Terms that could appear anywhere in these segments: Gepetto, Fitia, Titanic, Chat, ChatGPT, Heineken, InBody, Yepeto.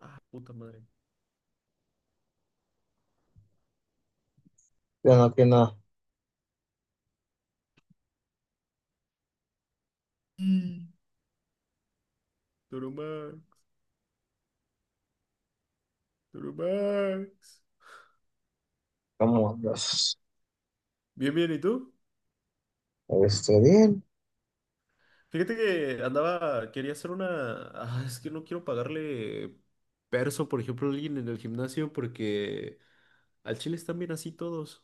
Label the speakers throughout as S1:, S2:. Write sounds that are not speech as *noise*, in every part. S1: Ah, puta madre.
S2: Ya no, que nada.
S1: Mm. Durumax, Durumax.
S2: ¿Cómo andas?
S1: Bien, bien, ¿y tú?
S2: Bien.
S1: Fíjate que andaba, quería hacer una... Ah, es que no quiero pagarle perso, por ejemplo, a alguien en el gimnasio porque al chile están bien así todos.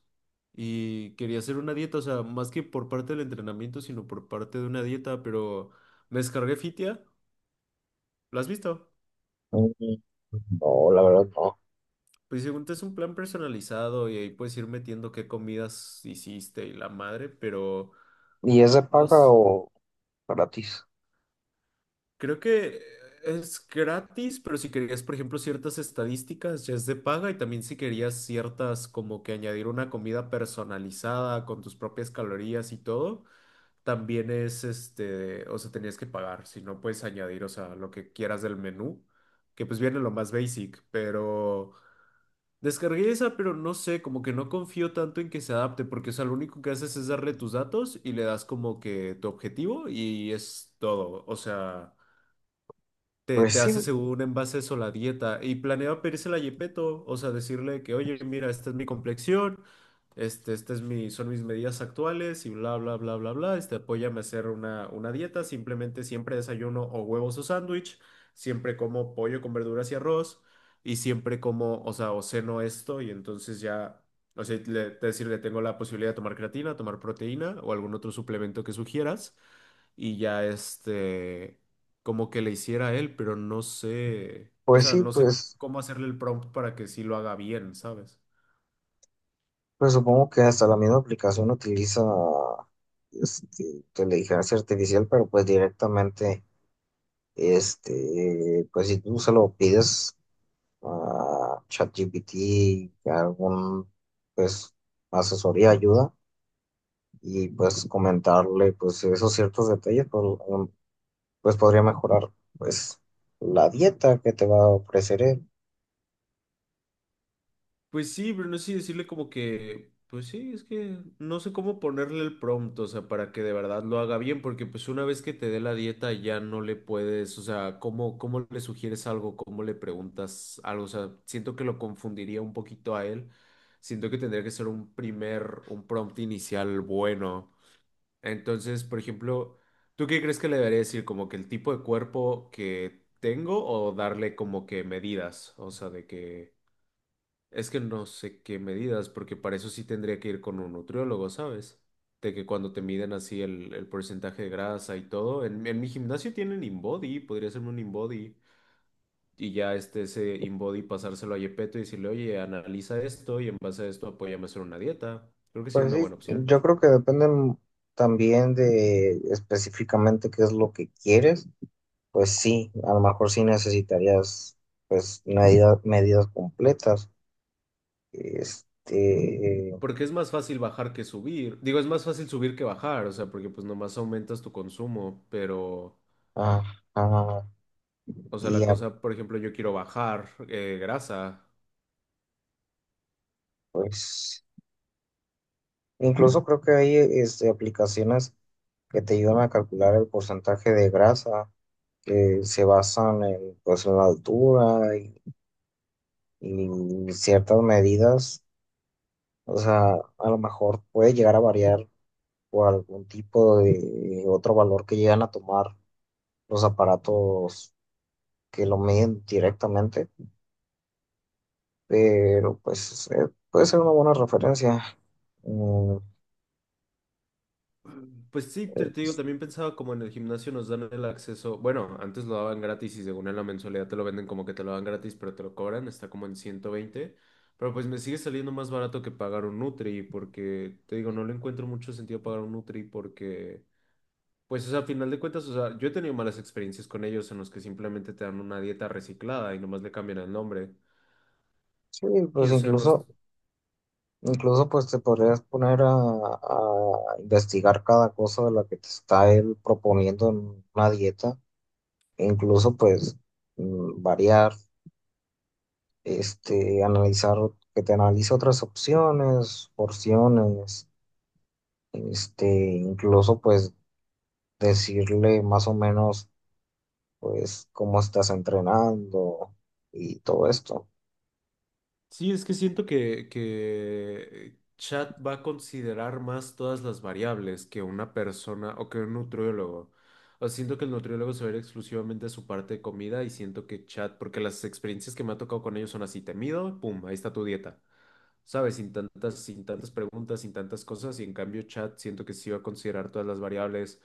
S1: Y quería hacer una dieta, o sea, más que por parte del entrenamiento, sino por parte de una dieta, pero me descargué Fitia, ¿lo has visto?
S2: Mm. No, la verdad no.
S1: Pues según te es un plan personalizado y ahí puedes ir metiendo qué comidas hiciste y la madre, pero...
S2: ¿Y es de
S1: No
S2: paga
S1: sé.
S2: o gratis?
S1: Creo que es gratis, pero si querías, por ejemplo, ciertas estadísticas, ya es de paga y también si querías ciertas, como que añadir una comida personalizada con tus propias calorías y todo, también es este, o sea, tenías que pagar, si no puedes añadir, o sea, lo que quieras del menú, que pues viene lo más basic, pero descargué esa, pero no sé, como que no confío tanto en que se adapte, porque, o sea, lo único que haces es darle tus datos y le das como que tu objetivo y es todo, o sea te,
S2: Pues
S1: te
S2: sí,
S1: hace según en base a eso la dieta y planeaba pedírsela a Gepetto, o sea, decirle que, oye, mira, esta es mi complexión, este, esta es mi, son mis medidas actuales y bla, bla, bla, bla, bla, este, apóyame a hacer una dieta, simplemente siempre desayuno o huevos o sándwich, siempre como pollo con verduras y arroz y siempre como, o sea, o ceno esto y entonces ya... O sea, le, decirle, tengo la posibilidad de tomar creatina, tomar proteína o algún otro suplemento que sugieras y ya este, como que le hiciera a él, pero no sé, o
S2: pues
S1: sea,
S2: sí,
S1: no sé
S2: pues,
S1: cómo hacerle el prompt para que sí lo haga bien, ¿sabes?
S2: pues supongo que hasta la misma aplicación utiliza, inteligencia artificial, pero pues directamente, pues si tú se lo pides a ChatGPT, a algún, pues, asesoría, ayuda, y pues comentarle, pues, esos ciertos detalles, pues pues podría mejorar pues la dieta que te va a ofrecer él.
S1: Pues sí, pero no sé si decirle como que, pues sí, es que no sé cómo ponerle el prompt, o sea, para que de verdad lo haga bien, porque pues una vez que te dé la dieta ya no le puedes, o sea, ¿cómo, cómo le sugieres algo? ¿Cómo le preguntas algo? O sea, siento que lo confundiría un poquito a él. Siento que tendría que ser un primer, un prompt inicial bueno. Entonces, por ejemplo, ¿tú qué crees que le debería decir? ¿Como que el tipo de cuerpo que tengo o darle como que medidas? O sea, de que es que no sé qué medidas, porque para eso sí tendría que ir con un nutriólogo, ¿sabes? De que cuando te miden así el porcentaje de grasa y todo, en mi gimnasio tienen InBody, podría hacerme un InBody y ya este, ese InBody pasárselo a Yepeto y decirle, oye, analiza esto y en base a esto apóyame a hacer una dieta. Creo que sería
S2: Pues
S1: una
S2: sí,
S1: buena opción.
S2: yo creo que depende también de específicamente qué es lo que quieres. Pues sí, a lo mejor sí necesitarías pues medidas, medidas completas. Este,
S1: Porque es más fácil bajar que subir. Digo, es más fácil subir que bajar, o sea, porque pues nomás aumentas tu consumo, pero,
S2: ajá,
S1: o sea,
S2: y
S1: la
S2: ya,
S1: cosa, por ejemplo, yo quiero bajar grasa.
S2: pues incluso creo que hay aplicaciones que te ayudan a calcular el porcentaje de grasa que se basan en pues en la altura y ciertas medidas, o sea, a lo mejor puede llegar a variar por algún tipo de otro valor que llegan a tomar los aparatos que lo miden directamente, pero pues puede ser una buena referencia. Mm,
S1: Pues sí, te digo, también pensaba como en el gimnasio nos dan el acceso, bueno, antes lo daban gratis y según en la mensualidad te lo venden como que te lo dan gratis, pero te lo cobran, está como en 120. Pero pues me sigue saliendo más barato que pagar un Nutri, porque te digo, no le encuentro mucho sentido pagar un Nutri porque... Pues, o sea, a final de cuentas, o sea, yo he tenido malas experiencias con ellos en los que simplemente te dan una dieta reciclada y nomás le cambian el nombre.
S2: sí,
S1: Y,
S2: pues
S1: o sea, nos...
S2: incluso, incluso pues te podrías poner a investigar cada cosa de la que te está él proponiendo en una dieta, e incluso pues variar. Analizar, que te analice otras opciones, porciones, este, incluso pues decirle más o menos pues cómo estás entrenando y todo esto.
S1: Sí, es que siento que Chat va a considerar más todas las variables que una persona o que un nutriólogo. O sea, siento que el nutriólogo se va a ir exclusivamente a su parte de comida y siento que Chat, porque las experiencias que me ha tocado con ellos son así, te mido, pum, ahí está tu dieta. ¿Sabes? Sin tantas, sin tantas preguntas, sin tantas cosas. Y en cambio, Chat siento que sí va a considerar todas las variables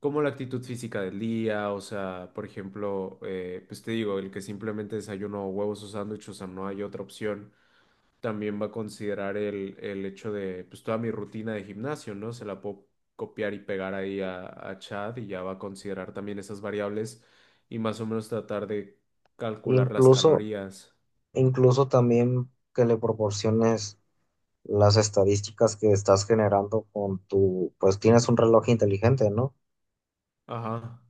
S1: como la actitud física del día, o sea, por ejemplo, pues te digo, el que simplemente desayuno huevos o sándwiches, o sea, no hay otra opción, también va a considerar el hecho de, pues toda mi rutina de gimnasio, ¿no? Se la puedo copiar y pegar ahí a Chad y ya va a considerar también esas variables y más o menos tratar de calcular las
S2: Incluso,
S1: calorías.
S2: incluso también que le proporciones las estadísticas que estás generando con tu, pues tienes un reloj inteligente, ¿no?
S1: Ajá.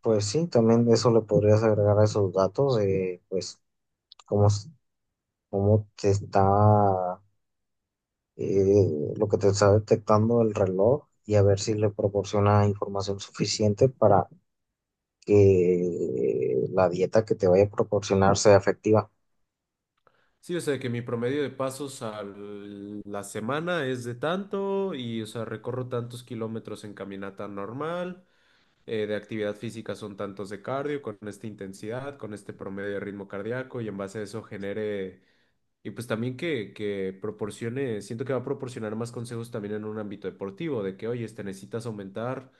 S2: Pues sí, también eso le podrías agregar a esos datos de, pues, cómo, s- cómo te está eh, lo que te está detectando el reloj y a ver si le proporciona información suficiente para que la dieta que te vaya a proporcionar sea efectiva.
S1: Sí, o sea que mi promedio de pasos a la semana es de tanto y, o sea, recorro tantos kilómetros en caminata normal de actividad física son tantos de cardio, con esta intensidad, con este promedio de ritmo cardíaco y en base a eso genere, y pues también que proporcione, siento que va a proporcionar más consejos también en un ámbito deportivo, de que, oye, te necesitas aumentar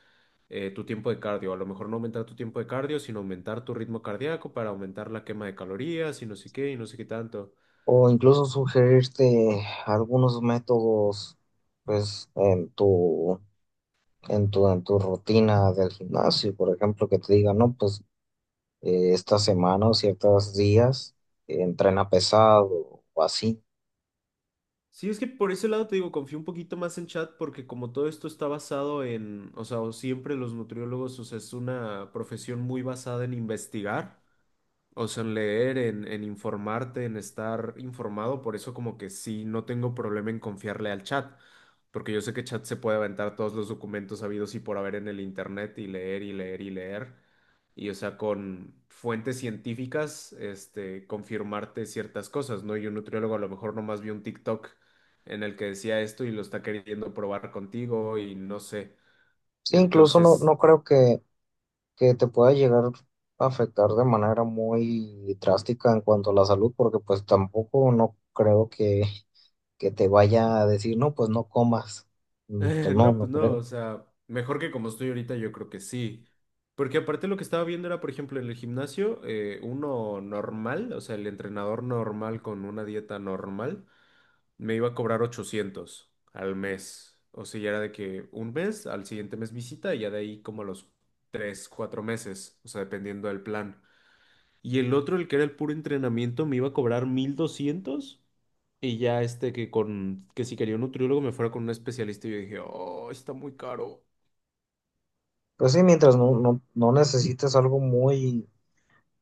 S1: tu tiempo de cardio, a lo mejor no aumentar tu tiempo de cardio, sino aumentar tu ritmo cardíaco para aumentar la quema de calorías y no sé qué, y no sé qué tanto.
S2: O incluso sugerirte algunos métodos, pues, en tu rutina del gimnasio, por ejemplo, que te diga, no, pues, esta semana o ciertos días, entrena pesado o así.
S1: Sí, es que por ese lado te digo, confío un poquito más en chat porque como todo esto está basado en, o sea, o siempre los nutriólogos, o sea, es una profesión muy basada en investigar, o sea, en leer, en informarte, en estar informado, por eso como que sí, no tengo problema en confiarle al chat, porque yo sé que chat se puede aventar todos los documentos habidos y por haber en el internet y leer y leer y leer y, o sea, con fuentes científicas, este, confirmarte ciertas cosas, ¿no? Y un nutriólogo a lo mejor nomás vio un TikTok en el que decía esto y lo está queriendo probar contigo y no sé.
S2: Sí, incluso no,
S1: Entonces,
S2: no creo que te pueda llegar a afectar de manera muy drástica en cuanto a la salud, porque pues tampoco no creo que te vaya a decir, no, pues no comas.
S1: *laughs*
S2: Mm, pues, no,
S1: no,
S2: no
S1: pues no,
S2: creo.
S1: o sea, mejor que como estoy ahorita, yo creo que sí. Porque aparte lo que estaba viendo era, por ejemplo, en el gimnasio, uno normal, o sea, el entrenador normal con una dieta normal me iba a cobrar 800 al mes. O sea, ya era de que un mes, al siguiente mes visita y ya de ahí como a los 3 4 meses, o sea, dependiendo del plan. Y el otro, el que era el puro entrenamiento, me iba a cobrar 1200 y ya este que con que si quería un nutriólogo me fuera con un especialista y yo dije, "Oh, está muy caro."
S2: Pues sí, mientras no, no, no necesites algo muy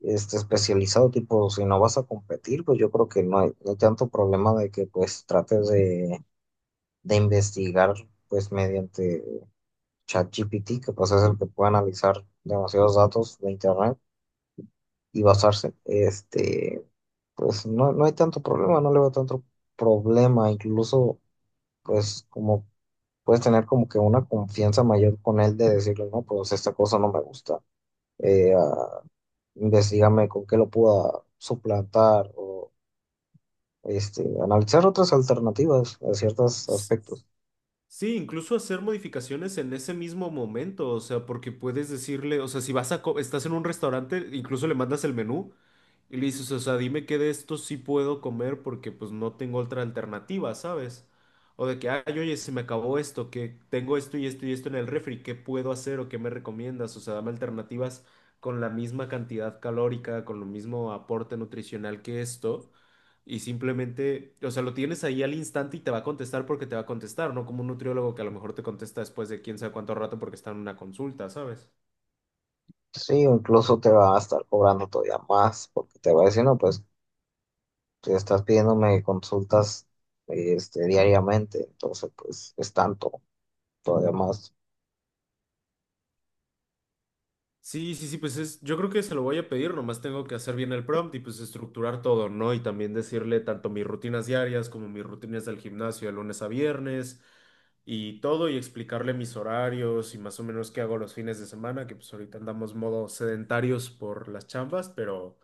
S2: especializado, tipo, si no vas a competir, pues yo creo que no hay, no hay tanto problema de que pues trates de investigar pues mediante ChatGPT, que pues es el que puede analizar demasiados datos de internet. Y basarse, pues no, no hay tanto problema, no le veo tanto problema, incluso pues como puedes tener como que una confianza mayor con él de decirle, no, pues esta cosa no me gusta, eh, ah, investígame con qué lo pueda suplantar o analizar otras alternativas a ciertos aspectos.
S1: Sí, incluso hacer modificaciones en ese mismo momento, o sea, porque puedes decirle, o sea, si vas a, co- estás en un restaurante, incluso le mandas el menú y le dices, o sea, dime qué de esto sí puedo comer porque pues no tengo otra alternativa, ¿sabes? O de que, ay, oye, se me acabó esto, que tengo esto y esto y esto en el refri, ¿qué puedo hacer o qué me recomiendas? O sea, dame alternativas con la misma cantidad calórica, con lo mismo aporte nutricional que esto y simplemente, o sea, lo tienes ahí al instante y te va a contestar porque te va a contestar, no como un nutriólogo que a lo mejor te contesta después de quién sabe cuánto rato porque está en una consulta, ¿sabes?
S2: Sí, o incluso te va a estar cobrando todavía más porque te va a decir, no, pues te estás pidiéndome consultas diariamente, entonces pues es tanto. Todavía más.
S1: Sí, sí, sí, pues es, yo creo que se lo voy a pedir, nomás tengo que hacer bien el prompt y pues estructurar todo, ¿no? Y también decirle tanto mis rutinas diarias como mis rutinas del gimnasio de lunes a viernes y todo y explicarle mis horarios y más o menos qué hago los fines de semana, que pues ahorita andamos modo sedentarios por las chambas, pero...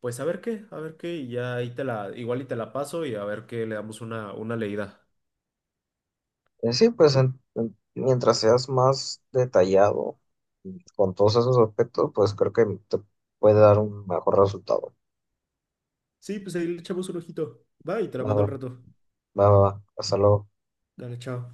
S1: Pues a ver qué, y ya ahí te la, igual y te la paso y a ver qué le damos una leída.
S2: Sí, pues mientras seas más detallado con todos esos aspectos, pues creo que te puede dar un mejor resultado.
S1: Sí, pues ahí le echamos un ojito. Va y te la
S2: Va,
S1: mando
S2: va,
S1: al rato.
S2: va, va. Hasta luego.
S1: Dale, chao.